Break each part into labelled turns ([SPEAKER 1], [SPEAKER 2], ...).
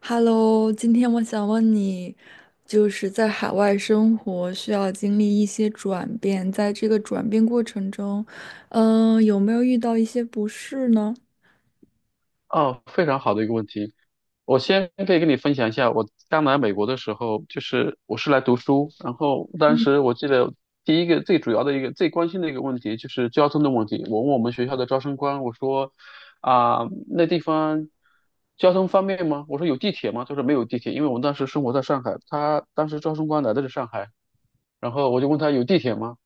[SPEAKER 1] Hello，今天我想问你，就是在海外生活需要经历一些转变，在这个转变过程中，有没有遇到一些不适呢？
[SPEAKER 2] 哦，非常好的一个问题。我先可以跟你分享一下，我刚来美国的时候，就是我是来读书，然后当
[SPEAKER 1] 嗯，
[SPEAKER 2] 时我记得第一个最主要的一个最关心的一个问题就是交通的问题。我问我们学校的招生官，我说啊、那地方交通方便吗？我说有地铁吗？他说没有地铁，因为我们当时生活在上海，他当时招生官来的是上海，然后我就问他有地铁吗？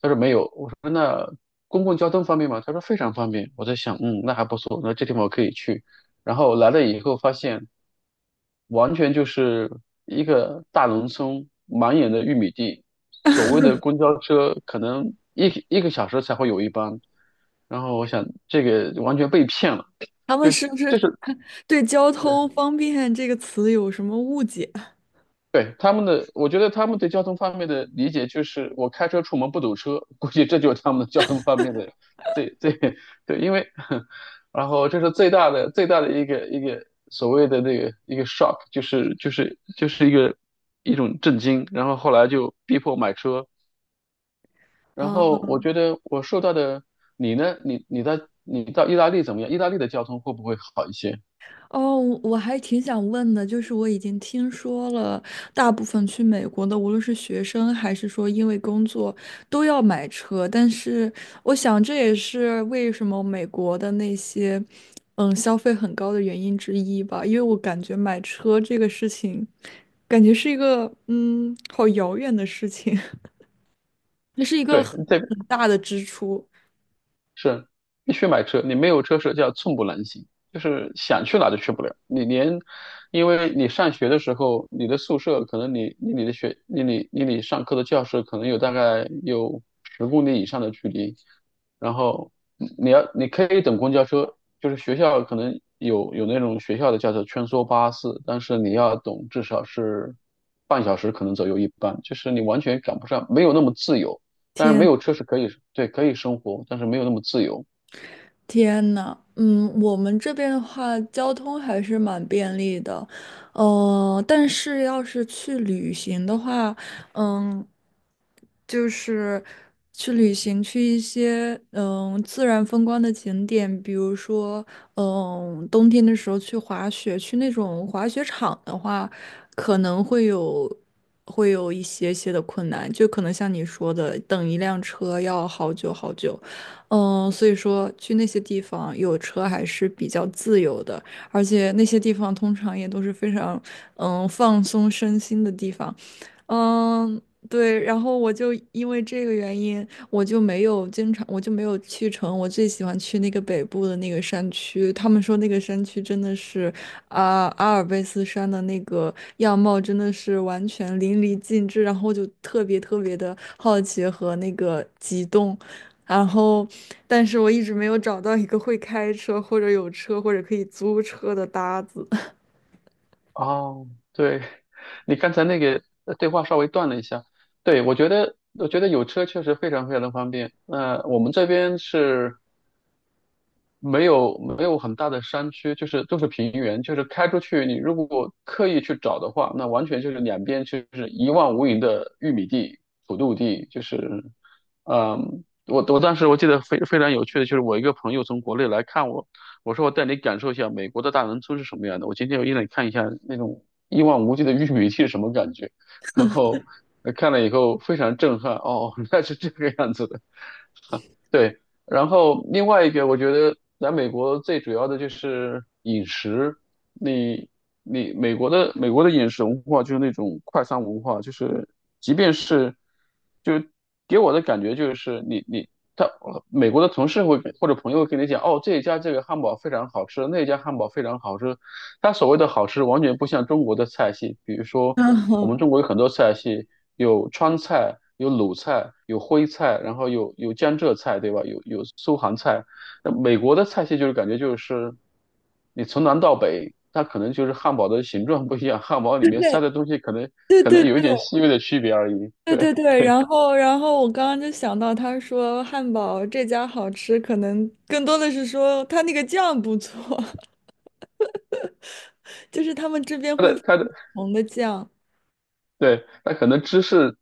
[SPEAKER 2] 他说没有。我说那公共交通方便吗？他说非常方便。我在想，那还不错，那这地方我可以去。然后来了以后发现，完全就是一个大农村，满眼的玉米地。所谓的公交车可能一个小时才会有一班，然后我想这个完全被骗了，
[SPEAKER 1] 他们
[SPEAKER 2] 就是
[SPEAKER 1] 是不是
[SPEAKER 2] 这是
[SPEAKER 1] 对交通方便这个词有什么误解
[SPEAKER 2] 对，他们的，我觉得他们对交通方面的理解就是，我开车出门不堵车，估计这就是他们的交通方面的最最 对，因为 然后这是最大的一个所谓的那个一个 shock,就是一个一种震惊，然后后来就逼迫买车，然
[SPEAKER 1] 啊？
[SPEAKER 2] 后我觉得我受到的，你呢？你到意大利怎么样？意大利的交通会不会好一些？
[SPEAKER 1] 哦，我还挺想问的，就是我已经听说了，大部分去美国的，无论是学生还是说因为工作，都要买车。但是我想，这也是为什么美国的那些，消费很高的原因之一吧。因为我感觉买车这个事情，感觉是一个好遥远的事情，那是一个
[SPEAKER 2] 对，
[SPEAKER 1] 很
[SPEAKER 2] 这
[SPEAKER 1] 很大的支出。
[SPEAKER 2] 是必须买车，你没有车是叫寸步难行，就是想去哪都去不了。你连，因为你上学的时候，你的宿舍可能你离你的学离你上课的教室可能有大概有10公里以上的距离，然后你可以等公交车，就是学校可能有那种学校的叫做穿梭巴士，但是你要等至少是半小时可能左右一班，就是你完全赶不上，没有那么自由。但是没
[SPEAKER 1] 天。
[SPEAKER 2] 有车是可以，对，可以生活，但是没有那么自由。
[SPEAKER 1] 天呐，嗯，我们这边的话，交通还是蛮便利的，但是要是去旅行的话，嗯，就是去旅行去一些自然风光的景点，比如说冬天的时候去滑雪，去那种滑雪场的话，可能会有会有一些些的困难，就可能像你说的，等一辆车要好久好久。嗯，所以说去那些地方有车还是比较自由的，而且那些地方通常也都是非常放松身心的地方。嗯，对，然后我就因为这个原因，我就没有去成我最喜欢去那个北部的那个山区。他们说那个山区真的是啊，阿尔卑斯山的那个样貌真的是完全淋漓尽致，然后就特别特别的好奇和那个激动。然后，但是我一直没有找到一个会开车或者有车或者可以租车的搭子。
[SPEAKER 2] 哦，对，你刚才那个对话稍微断了一下。对，我觉得有车确实非常非常的方便。那、我们这边是没有很大的山区，就是都是平原，就是开出去，你如果刻意去找的话，那完全就是两边就是一望无垠的玉米地、土豆地，就是，我当时我记得非常有趣的就是我一个朋友从国内来看我，我说我带你感受一下美国的大农村是什么样的，我今天我一来看一下那种一望无际的玉米地是什么感觉，然后看了以后非常震撼，哦，原来是这个样子的。对，然后另外一个，我觉得来美国最主要的就是饮食。你你美国的饮食文化就是那种快餐文化，就是即便是就给我的感觉就是你你他美国的同事会或者朋友会跟你讲，哦，这一家这个汉堡非常好吃，那一家汉堡非常好吃，它所谓的好吃，完全不像中国的菜系。比如说，我
[SPEAKER 1] 嗯，
[SPEAKER 2] 们中国有很多菜系，有川菜，有鲁菜，有徽菜，然后有江浙菜，对吧？有苏杭菜。那美国的菜系就是感觉就是你从南到北，它可能就是汉堡的形状不一样，汉堡里面塞
[SPEAKER 1] 对
[SPEAKER 2] 的东西可能
[SPEAKER 1] 对
[SPEAKER 2] 可
[SPEAKER 1] 对
[SPEAKER 2] 能有一点细微的区别而已。
[SPEAKER 1] 对对
[SPEAKER 2] 对，
[SPEAKER 1] 对，然后我刚刚就想到，他说汉堡这家好吃，可能更多的是说他那个酱不错，就是他们这边
[SPEAKER 2] 它
[SPEAKER 1] 会
[SPEAKER 2] 的
[SPEAKER 1] 放
[SPEAKER 2] 它
[SPEAKER 1] 不
[SPEAKER 2] 的
[SPEAKER 1] 同的酱，
[SPEAKER 2] 对，它可能芝士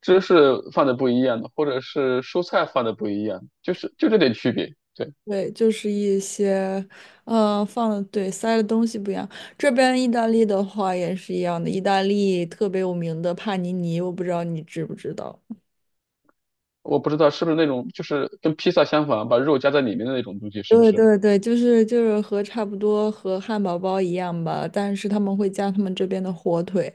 [SPEAKER 2] 芝士放的不一样，或者是蔬菜放的不一样，就是就这点区别。对。
[SPEAKER 1] 对，就是一些，嗯、放的对塞的东西不一样。这边意大利的话也是一样的，意大利特别有名的帕尼尼，我不知道你知不知道。
[SPEAKER 2] 我不知道是不是那种就是跟披萨相反啊，把肉夹在里面的那种东西，是不
[SPEAKER 1] 对
[SPEAKER 2] 是？
[SPEAKER 1] 对对，就是就是和差不多和汉堡包一样吧，但是他们会加他们这边的火腿，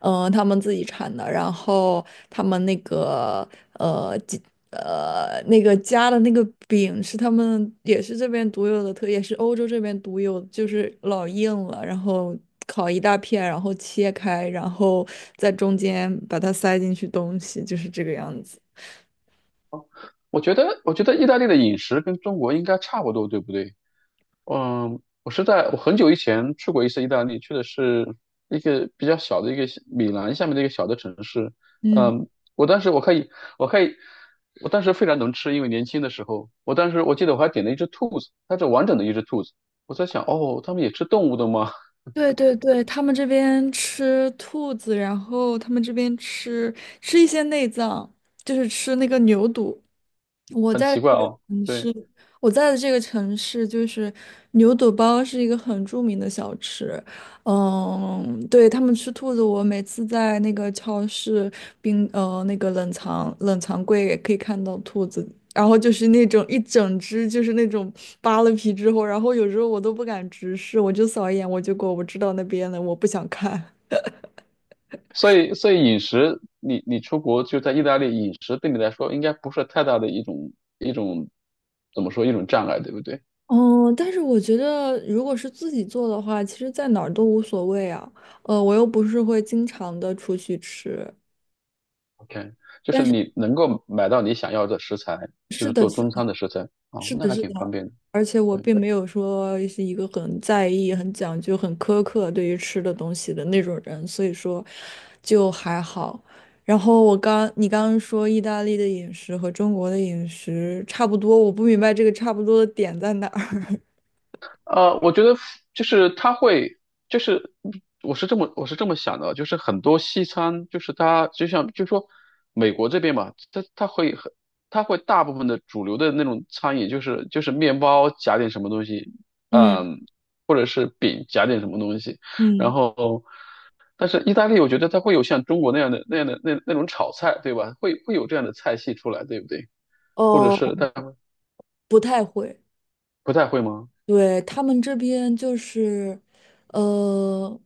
[SPEAKER 1] 嗯、他们自己产的，然后他们那个呃鸡那个加的那个饼是他们也是这边独有的特，也是欧洲这边独有，就是老硬了，然后烤一大片，然后切开，然后在中间把它塞进去东西，就是这个样子。
[SPEAKER 2] 我觉得意大利的饮食跟中国应该差不多，对不对？嗯，我是在我很久以前去过一次意大利，去的是一个比较小的一个米兰下面的一个小的城市。
[SPEAKER 1] 嗯。
[SPEAKER 2] 嗯，我当时我可以，我可以，我当时非常能吃，因为年轻的时候，我当时我记得我还点了一只兔子，它是完整的一只兔子。我在想，哦，他们也吃动物的吗？
[SPEAKER 1] 对对对，他们这边吃兔子，然后他们这边吃一些内脏，就是吃那个牛肚。我
[SPEAKER 2] 很
[SPEAKER 1] 在
[SPEAKER 2] 奇
[SPEAKER 1] 的
[SPEAKER 2] 怪
[SPEAKER 1] 这个
[SPEAKER 2] 哦。
[SPEAKER 1] 城市，
[SPEAKER 2] 对。
[SPEAKER 1] 我在的这个城市就是牛肚包是一个很著名的小吃。嗯，对，他们吃兔子，我每次在那个超市那个冷藏柜也可以看到兔子，然后就是那种一整只，就是那种扒了皮之后，然后有时候我都不敢直视，我就扫一眼我就过，我知道那边了，我不想看。
[SPEAKER 2] 所以饮食，你出国就在意大利，饮食对你来说应该不是太大的一种一种怎么说一种障碍，对不对
[SPEAKER 1] 哦，但是我觉得，如果是自己做的话，其实在哪儿都无所谓啊。呃，我又不是会经常的出去吃，
[SPEAKER 2] ？OK,就
[SPEAKER 1] 但
[SPEAKER 2] 是
[SPEAKER 1] 是
[SPEAKER 2] 你能够买到你想要的食材，就
[SPEAKER 1] 是
[SPEAKER 2] 是
[SPEAKER 1] 的，
[SPEAKER 2] 做
[SPEAKER 1] 是的，
[SPEAKER 2] 中餐的食材，哦，
[SPEAKER 1] 是
[SPEAKER 2] 那
[SPEAKER 1] 的，
[SPEAKER 2] 还
[SPEAKER 1] 是
[SPEAKER 2] 挺
[SPEAKER 1] 的，
[SPEAKER 2] 方便的。
[SPEAKER 1] 而且我
[SPEAKER 2] 对。
[SPEAKER 1] 并没有说是一个很在意、很讲究、很苛刻对于吃的东西的那种人，所以说就还好。然后我刚，你刚刚说意大利的饮食和中国的饮食差不多，我不明白这个差不多的点在哪儿。
[SPEAKER 2] 我觉得就是他会，就是我是这么想的，就是很多西餐，就是它就像就说美国这边嘛，它会大部分的主流的那种餐饮，就是面包夹点什么东西，
[SPEAKER 1] 嗯
[SPEAKER 2] 嗯，或者是饼夹点什么东西，然
[SPEAKER 1] 嗯，
[SPEAKER 2] 后但是意大利，我觉得它会有像中国那样的那种炒菜，对吧？会有这样的菜系出来，对不对？
[SPEAKER 1] 哦，
[SPEAKER 2] 或者是它
[SPEAKER 1] 不太会。
[SPEAKER 2] 不太会吗？
[SPEAKER 1] 对，他们这边就是，呃，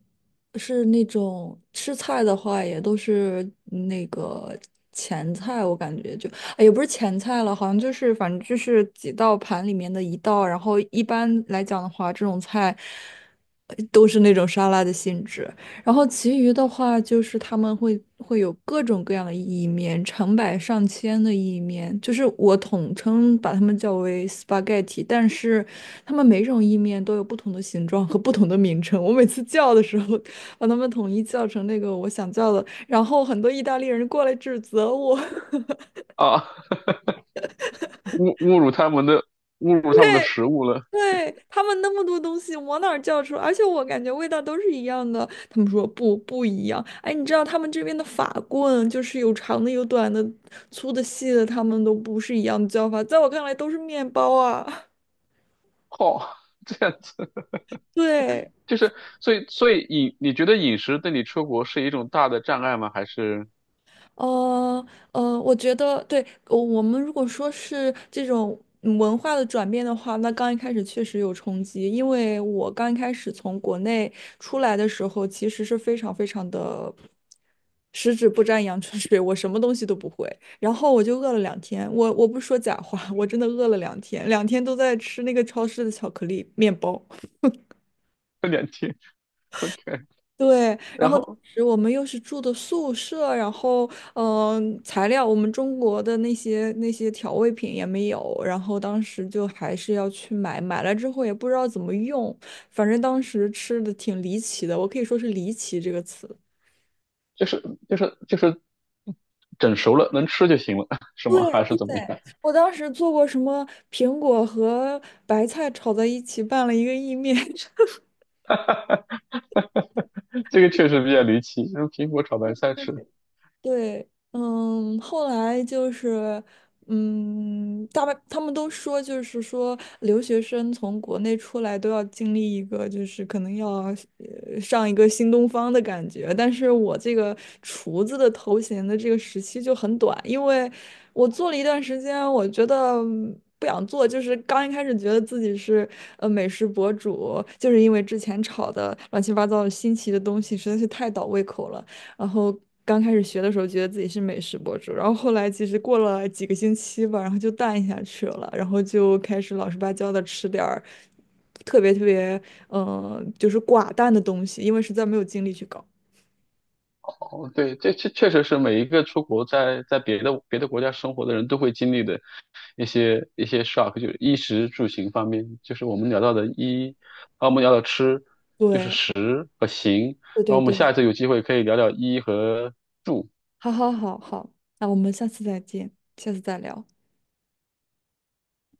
[SPEAKER 1] 是那种吃菜的话，也都是那个前菜，我感觉就，哎也不是前菜了，好像就是反正就是几道盘里面的一道，然后一般来讲的话，这种菜都是那种沙拉的性质。然后其余的话就是他们会有各种各样的意面，成百上千的意面，就是我统称把它们叫为 spaghetti，但是他们每种意面都有不同的形状和不同的名称。我每次叫的时候，把它们统一叫成那个我想叫的，然后很多意大利人过来指责我。
[SPEAKER 2] 啊。侮侮辱他们的侮辱他们的食物了，
[SPEAKER 1] 对，他们那么多东西往哪儿叫出来？而且我感觉味道都是一样的。他们说不一样。哎，你知道他们这边的法棍就是有长的、有短的、粗的、细的，他们都不是一样的叫法。在我看来都是面包啊。
[SPEAKER 2] 哦，这样子
[SPEAKER 1] 对，
[SPEAKER 2] 就是所以你觉得饮食对你出国是一种大的障碍吗？还是
[SPEAKER 1] 呃我觉得对，我们如果说是这种文化的转变的话，那刚一开始确实有冲击，因为我刚一开始从国内出来的时候，其实是非常非常的十指不沾阳春水，我什么东西都不会，然后我就饿了两天，我不说假话，我真的饿了两天，两天都在吃那个超市的巧克力面包。
[SPEAKER 2] 2天 OK?
[SPEAKER 1] 对，
[SPEAKER 2] 然后
[SPEAKER 1] 我们又是住的宿舍，然后嗯、呃材料我们中国的那些调味品也没有，然后当时就还是要去买，买了之后也不知道怎么用，反正当时吃的挺离奇的，我可以说是离奇这个词。
[SPEAKER 2] 就是就是整熟了能吃就行了，是吗？
[SPEAKER 1] 对
[SPEAKER 2] 还是
[SPEAKER 1] 对，
[SPEAKER 2] 怎么样？
[SPEAKER 1] 我当时做过什么苹果和白菜炒在一起拌了一个意面。
[SPEAKER 2] 这个确实比较离奇，用苹果炒白菜吃。
[SPEAKER 1] 对，嗯，后来就是，嗯，大半他们都说，就是说留学生从国内出来都要经历一个，就是可能要上一个新东方的感觉。但是我这个厨子的头衔的这个时期就很短，因为我做了一段时间，我觉得。嗯不想做，就是刚一开始觉得自己是美食博主，就是因为之前炒的乱七八糟的新奇的东西实在是太倒胃口了。然后刚开始学的时候，觉得自己是美食博主，然后后来其实过了几个星期吧，然后就淡下去了，然后就开始老实巴交的吃点儿特别特别，嗯、就是寡淡的东西，因为实在没有精力去搞。
[SPEAKER 2] 哦，对，这确实是每一个出国在别的国家生活的人都会经历的一些 shock,就是衣食住行方面，就是我们聊到的衣，然后我们聊到吃
[SPEAKER 1] 对，
[SPEAKER 2] 和行，
[SPEAKER 1] 对
[SPEAKER 2] 然后我们
[SPEAKER 1] 对对，
[SPEAKER 2] 下一次有机会可以聊聊衣和
[SPEAKER 1] 好好好好，那我们下次再见，下次再聊。